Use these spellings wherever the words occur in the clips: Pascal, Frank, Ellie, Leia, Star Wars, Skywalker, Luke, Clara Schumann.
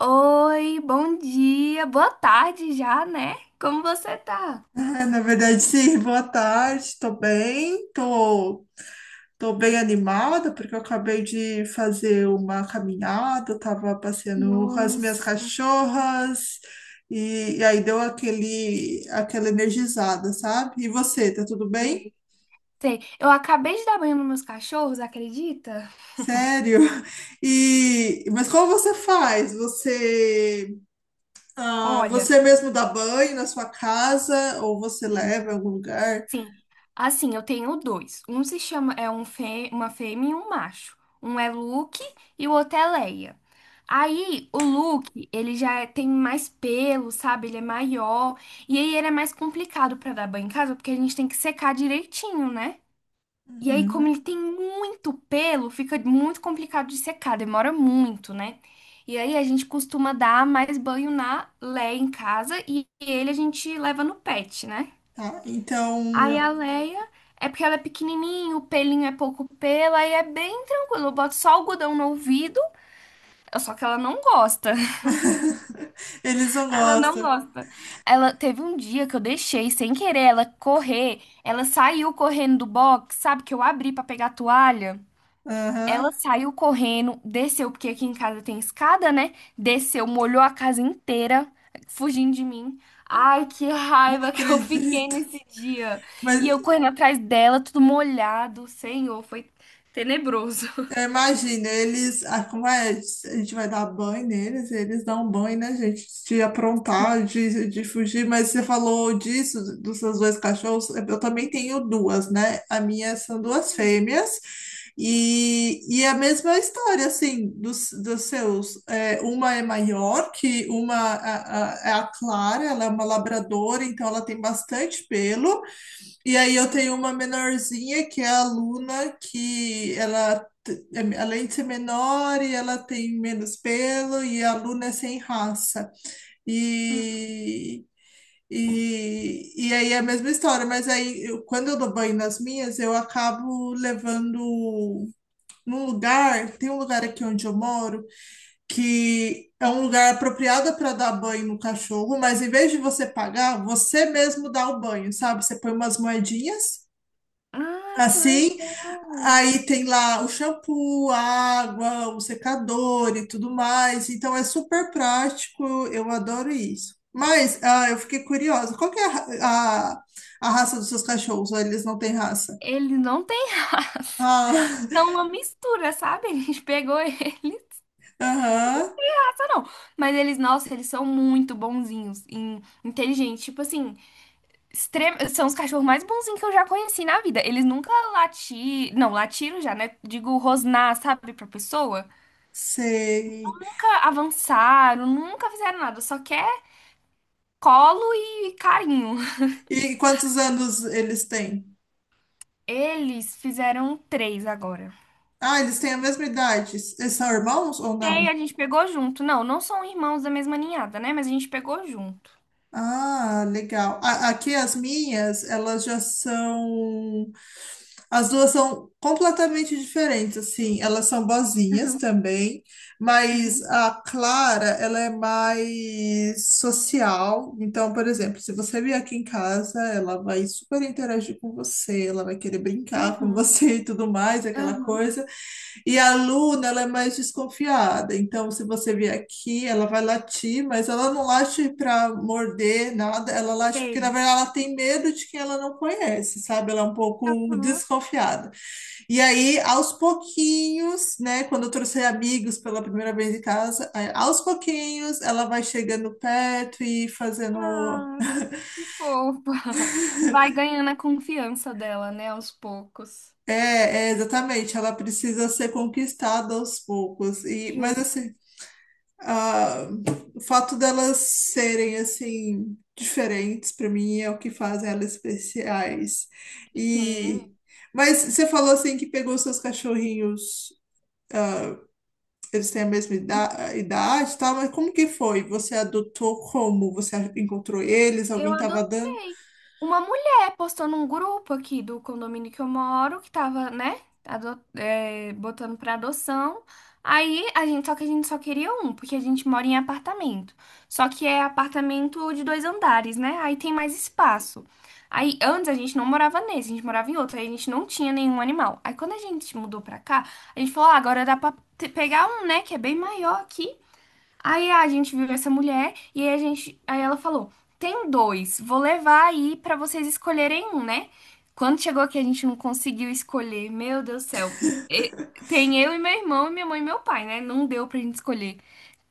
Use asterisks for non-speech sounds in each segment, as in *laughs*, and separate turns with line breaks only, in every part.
Oi, bom dia, boa tarde já, né? Como você tá?
Na verdade, sim, boa tarde, tô bem, tô bem animada, porque eu acabei de fazer uma caminhada, eu tava passeando com as minhas
Nossa,
cachorras, e aí deu aquela energizada, sabe? E você, tá tudo bem?
velho. Sei, eu acabei de dar banho nos meus cachorros, acredita?
Sério? *laughs* Mas como você faz?
Olha,
Você mesmo dá banho na sua casa, ou você
sim,
leva em algum lugar?
sim, assim, eu tenho dois. Um se chama, uma fêmea e um macho. Um é Luke e o outro é Leia. Aí, o Luke, tem mais pelo, sabe? Ele é maior. E aí, ele é mais complicado pra dar banho em casa, porque a gente tem que secar direitinho, né? E aí, como
Uhum,
ele tem muito pelo, fica muito complicado de secar, demora muito, né? E aí a gente costuma dar mais banho na Leia em casa e ele a gente leva no pet, né?
tá.
Aí a
Então,
Leia é porque ela é pequenininha, o pelinho é pouco pelo, aí é bem tranquilo. Eu boto só algodão no ouvido, só que ela não gosta. *laughs*
*laughs* eles não
Ela não
gostam.
gosta. Ela teve um dia que eu deixei sem querer ela correr, ela saiu correndo do box, sabe? Que eu abri pra pegar a toalha. Ela
Aham,
saiu correndo, desceu, porque aqui em casa tem escada, né? Desceu, molhou a casa inteira, fugindo de mim. Ai, que
não
raiva que eu *laughs* fiquei
acredito.
nesse dia. E
Mas
eu correndo atrás dela, tudo molhado. Senhor, foi tenebroso.
é, imagina, eles. Ah, como é? A gente vai dar banho neles, eles dão banho, né, gente? De aprontar, de fugir. Mas você falou disso, dos seus dois cachorros. Eu também tenho duas, né? A minha são duas
Ah,
fêmeas. E a mesma história, assim, dos seus. É, uma é maior, que é a Clara, ela é uma labradora, então ela tem bastante pelo. E aí eu
sim.
tenho uma menorzinha que é a Luna, que além de ser menor, e ela tem menos pelo, e a Luna é sem raça. E, e aí é a mesma história, mas quando eu dou banho nas minhas, eu acabo levando num lugar, tem um lugar aqui onde eu moro, que é um lugar apropriado para dar banho no cachorro, mas em vez de você pagar, você mesmo dá o banho, sabe? Você põe umas moedinhas.
Ah, que
Assim,
legal.
aí tem lá o shampoo, a água, o secador e tudo mais. Então é super prático, eu adoro isso. Mas eu fiquei curiosa, qual que é a, a raça dos seus cachorros? Ou eles não têm raça?
Ele não tem raça.
Ah,
É
*laughs*
uma mistura, sabe? A gente pegou ele.
aham,
Raça não. Mas eles, nossa, eles são muito bonzinhos, e inteligentes. Tipo assim. São os cachorros mais bonzinhos que eu já conheci na vida. Eles nunca latiram. Não, latiram já, né? Digo, rosnar, sabe, pra pessoa.
sei.
Nunca avançaram, nunca fizeram nada. Só quer colo e carinho. *laughs*
E quantos anos eles têm?
Eles fizeram 3 agora.
Ah, eles têm a mesma idade. Eles são irmãos ou
E aí
não?
a gente pegou junto. Não, não são irmãos da mesma ninhada, né? Mas a gente pegou junto.
Ah, legal. A- aqui as minhas, elas já são. As duas são completamente diferentes, assim. Elas são boazinhas
Uhum,
também, mas
uhum,
a Clara, ela é mais social. Então, por exemplo, se você vier aqui em casa, ela vai super interagir com você, ela vai querer brincar com
uhum,
você *laughs* e tudo mais, aquela
uhum,
coisa. E a Luna, ela é mais desconfiada. Então, se você vier aqui, ela vai latir, mas ela não late para morder nada. Ela late porque, na
sei.
verdade, ela tem medo de quem ela não conhece, sabe? Ela é um pouco
Uhum.
desconfiada. E aí, aos pouquinhos, né? Quando eu trouxe amigos pela primeira vez em casa, aí, aos pouquinhos, ela vai chegando perto e fazendo.
Ah, que fofa. *laughs* Vai ganhando a confiança dela, né, aos poucos.
É, é, exatamente. Ela precisa ser conquistada aos poucos. E, mas
Justo.
assim. Ah, o fato delas serem assim diferentes para mim é o que faz elas especiais.
Sim,
E mas você falou assim que pegou seus cachorrinhos, eles têm a idade, e tal, mas como que foi? Você adotou como? Você encontrou eles? Alguém
eu
estava dando?
adotei. Uma mulher postou num grupo aqui do condomínio que eu moro, que tava, né, botando pra adoção. Aí a gente, só que a gente só queria um, porque a gente mora em apartamento. Só que é apartamento de dois andares, né? Aí tem mais espaço. Aí antes a gente não morava nesse, a gente morava em outro, aí a gente não tinha nenhum animal. Aí quando a gente mudou pra cá, a gente falou, ah, agora dá pra pegar um, né, que é bem maior aqui. Aí a gente viu essa mulher e aí a gente, aí ela falou: "Tem dois, vou levar aí pra vocês escolherem um, né?" Quando chegou aqui a gente não conseguiu escolher. Meu Deus do céu. E- tem eu e meu irmão, e minha mãe e meu pai, né? Não deu pra gente escolher.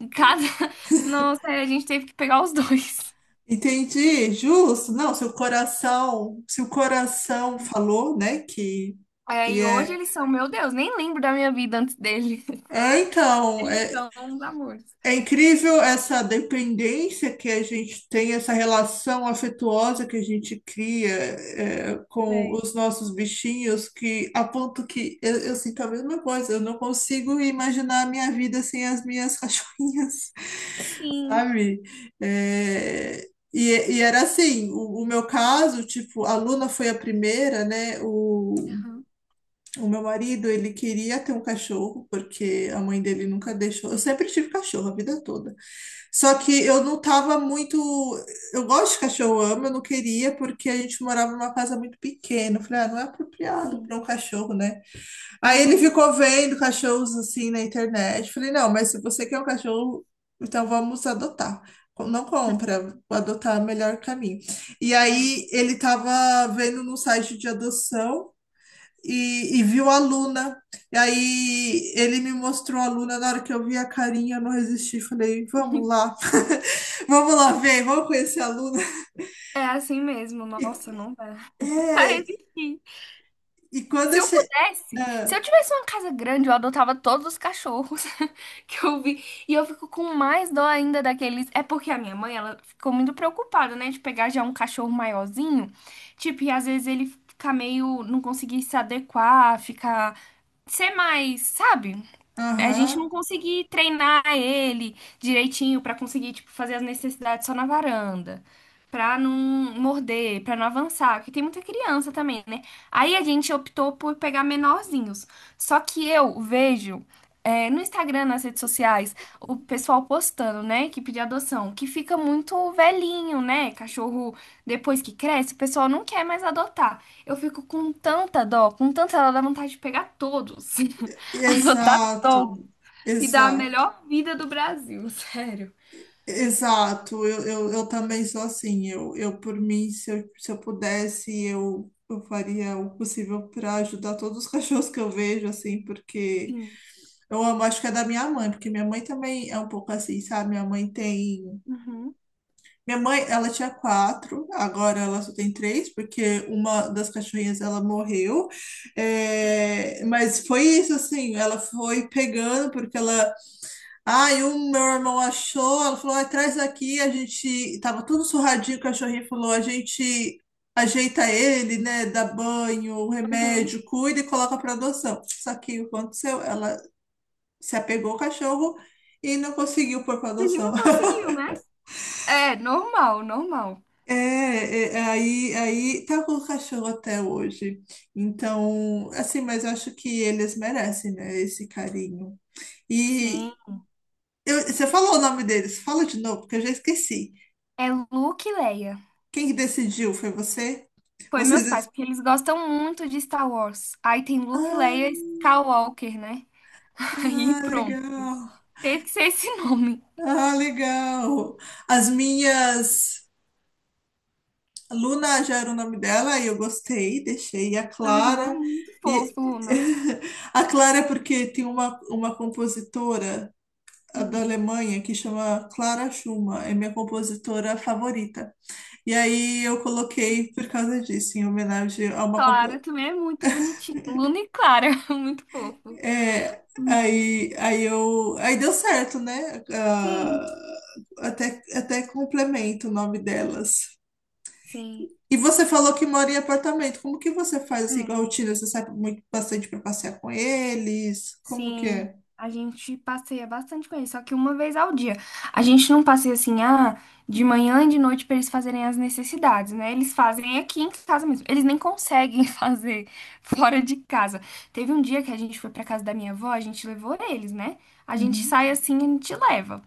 Em cada *laughs* nossa,
*laughs*
a gente teve que pegar os dois.
Entendi, justo. Não, seu coração, se o coração falou, né, que que
Aí hoje
é
eles são, meu Deus, nem lembro da minha vida antes deles. *laughs*
É, então,
Eles
é,
são uns amores.
é incrível essa dependência que a gente tem, essa relação afetuosa que a gente cria, é, com
É.
os nossos bichinhos, que a ponto que eu sinto a mesma coisa, eu não consigo imaginar a minha vida sem as minhas *laughs* cachorrinhas,
Sim.
sabe? É, e, e era assim, o meu caso, tipo, a Luna foi a primeira, né?
Aham.
O meu marido, ele queria ter um cachorro, porque a mãe dele nunca deixou. Eu sempre tive cachorro a vida toda. Só que eu não tava muito. Eu gosto de cachorro, eu amo, eu não queria, porque a gente morava numa casa muito pequena. Eu falei, ah, não é apropriado
Sim.
para um cachorro, né? Aí ele
Aham.
ficou vendo cachorros assim na internet. Eu falei, não, mas se você quer um cachorro, então vamos adotar. Com- Não
*laughs*
compra, adotar é o melhor caminho. E aí ele tava vendo no site de adoção e viu a Luna. E aí ele me mostrou a Luna. Na hora que eu vi a carinha, eu não resisti. Falei, vamos lá, *laughs* vamos lá ver, vamos conhecer a Luna.
É. É assim mesmo,
E,
nossa, não vai. Pra
é,
resistir.
e quando
Se
eu
eu
che...
pudesse, se
Ah,
eu tivesse uma casa grande, eu adotava todos os cachorros *laughs* que eu vi. E eu fico com mais dó ainda daqueles. É porque a minha mãe, ela ficou muito preocupada, né, de pegar já um cachorro maiorzinho. Tipo, e às vezes ele fica meio, não conseguir se adequar, ficar, ser mais, sabe? A gente
aham,
não conseguir treinar ele direitinho pra conseguir, tipo, fazer as necessidades só na varanda. Pra não morder, pra não avançar, porque tem muita criança também, né? Aí a gente optou por pegar menorzinhos. Só que eu vejo é, no Instagram, nas redes sociais, o pessoal postando, né, que pedir adoção, que fica muito velhinho, né? Cachorro, depois que cresce, o pessoal não quer mais adotar. Eu fico com tanta dó, dá vontade de pegar todos, *laughs* adotar
exato,
todos e dar a
exato,
melhor vida do Brasil, *laughs* sério.
exato. Eu também sou assim. Eu por mim, se se eu pudesse, eu faria o possível para ajudar todos os *laughs* cachorros que eu vejo, assim, porque.
Sim.
Eu amo, acho que é da minha mãe, porque minha mãe também é um pouco assim, sabe? Minha mãe tem.
Uhum.
Minha mãe, ela tinha quatro, agora ela só tem três, porque uma das cachorrinhas ela morreu. É, mas foi isso, assim, ela foi pegando, porque ela. Ai, ah, um meu irmão achou, ela falou: "Ai, traz aqui, a gente. Tava tudo surradinho, o cachorrinho falou: a gente. Ajeita ele, né? Dá banho,
Uhum.
remédio, cuida e coloca para adoção." Só que o que aconteceu? Ela se apegou ao cachorro e não conseguiu pôr para
E
adoção.
não
*laughs*
conseguiu, né? É, normal, normal.
É, é, aí, aí tá com o cachorro até hoje. Então, assim, mas eu acho que eles merecem, né, esse carinho. E
Sim.
você falou o nome deles, fala de novo, porque eu já esqueci.
É Luke e Leia.
Quem que decidiu? Foi você?
Foi meus
Vocês.
pais, porque eles gostam muito de Star Wars. Aí tem Luke, Leia e
Ah,
Skywalker, né? *laughs* Aí
ah,
pronto.
legal.
Teve que ser esse nome.
Ah, legal. As minhas. Luna já era o nome dela e eu gostei, deixei. E a
Aham.
Clara.
Muito
E...
fofo, Luna.
*laughs* A Clara, é porque tem uma compositora a da Alemanha que chama Clara Schumann, é minha compositora favorita. E aí eu coloquei por causa disso, em homenagem a uma.
Clara
Compo-
também é muito bonitinho. Luna e Clara, *laughs* muito fofo.
é,
Os nomes.
aí deu certo, né? Ah,
Sim,
até complemento o nome delas.
sim.
E você falou que mora em apartamento. Como que você faz assim com
É.
a rotina? Você sai muito bastante para passear com eles? Como que
Sim.
é?
A gente passeia bastante com eles, só que uma vez ao dia. A gente não passeia assim, ah, de manhã e de noite para eles fazerem as necessidades, né? Eles fazem aqui em casa mesmo. Eles nem conseguem *laughs* fazer fora de casa. Teve um dia que a gente foi para casa da minha avó, a gente levou eles, né? A gente
Uhum.
sai assim, a gente leva.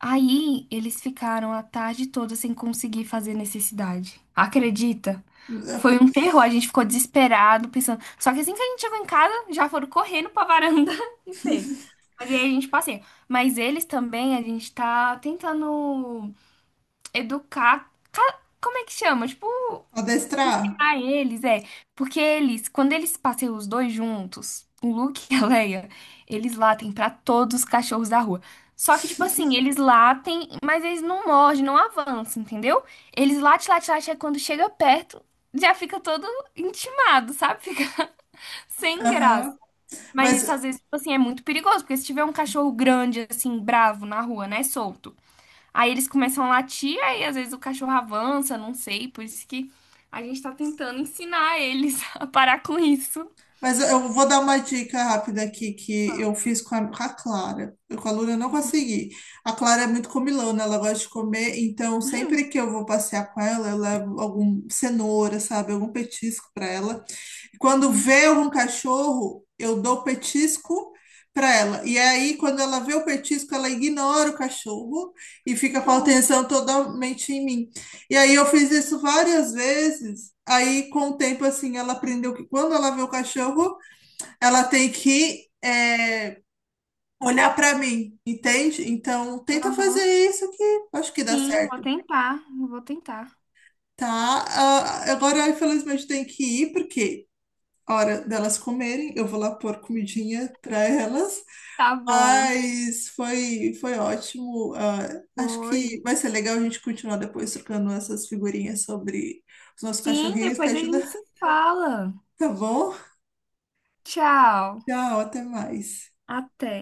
Aí eles ficaram a tarde toda sem conseguir fazer necessidade. Acredita?
Ok.
Foi um terror, a gente ficou desesperado, pensando. Só que assim que a gente chegou em casa, já foram correndo pra varanda *laughs* e fez. Mas aí a gente passeia. Mas eles também, a gente tá tentando educar. Como é que chama? Tipo,
Adestrar?
ah, eles, é. Porque eles, quando eles passeiam os dois juntos, o Luke *laughs* e a Leia, eles latem pra todos os cachorros da rua. Só que, tipo assim, eles latem, mas eles não mordem, não avançam, entendeu? Eles latem, latem, latem, aí quando chega perto, já fica todo intimado, sabe? Fica *laughs* sem graça.
Aham.
Mas isso,
Mas
às vezes, tipo assim, é muito perigoso, porque se tiver um cachorro grande, assim, bravo na rua, né, solto. Aí eles começam a latir, aí às vezes o cachorro avança, não sei, por isso que a gente tá tentando ensinar eles *laughs* a parar com isso.
Mas eu vou dar uma dica rápida aqui que
Tá.
eu fiz com a Clara. Eu com a Luna eu não consegui. A Clara é muito comilona, ela gosta de comer, então sempre que eu vou passear com ela, eu levo algum cenoura, sabe, algum petisco para ela. Quando
Uhum.
vê um cachorro, eu dou petisco para ela. E é aí, quando ela vê o petisco, ela ignora o cachorro e fica com a
Justo.
atenção totalmente em mim. E aí eu fiz isso várias vezes. Aí, com o tempo, assim, ela aprendeu que quando ela vê o cachorro, ela tem olhar pra mim, entende? Então, tenta fazer
Aham.
isso que eu acho que dá
Sim, vou
certo,
tentar, vou tentar.
tá? Ah, agora, infelizmente, tem que ir, porque a hora delas comerem, eu vou lá pôr comidinha pra elas.
Tá bom.
Mas foi, foi ótimo. Ah, acho
Foi.
que vai ser legal a gente continuar depois trocando essas figurinhas sobre os nossos
Sim,
cachorrinhos que
depois a
ajuda.
gente se fala.
Tá bom?
Tchau.
Tchau, até mais.
Até.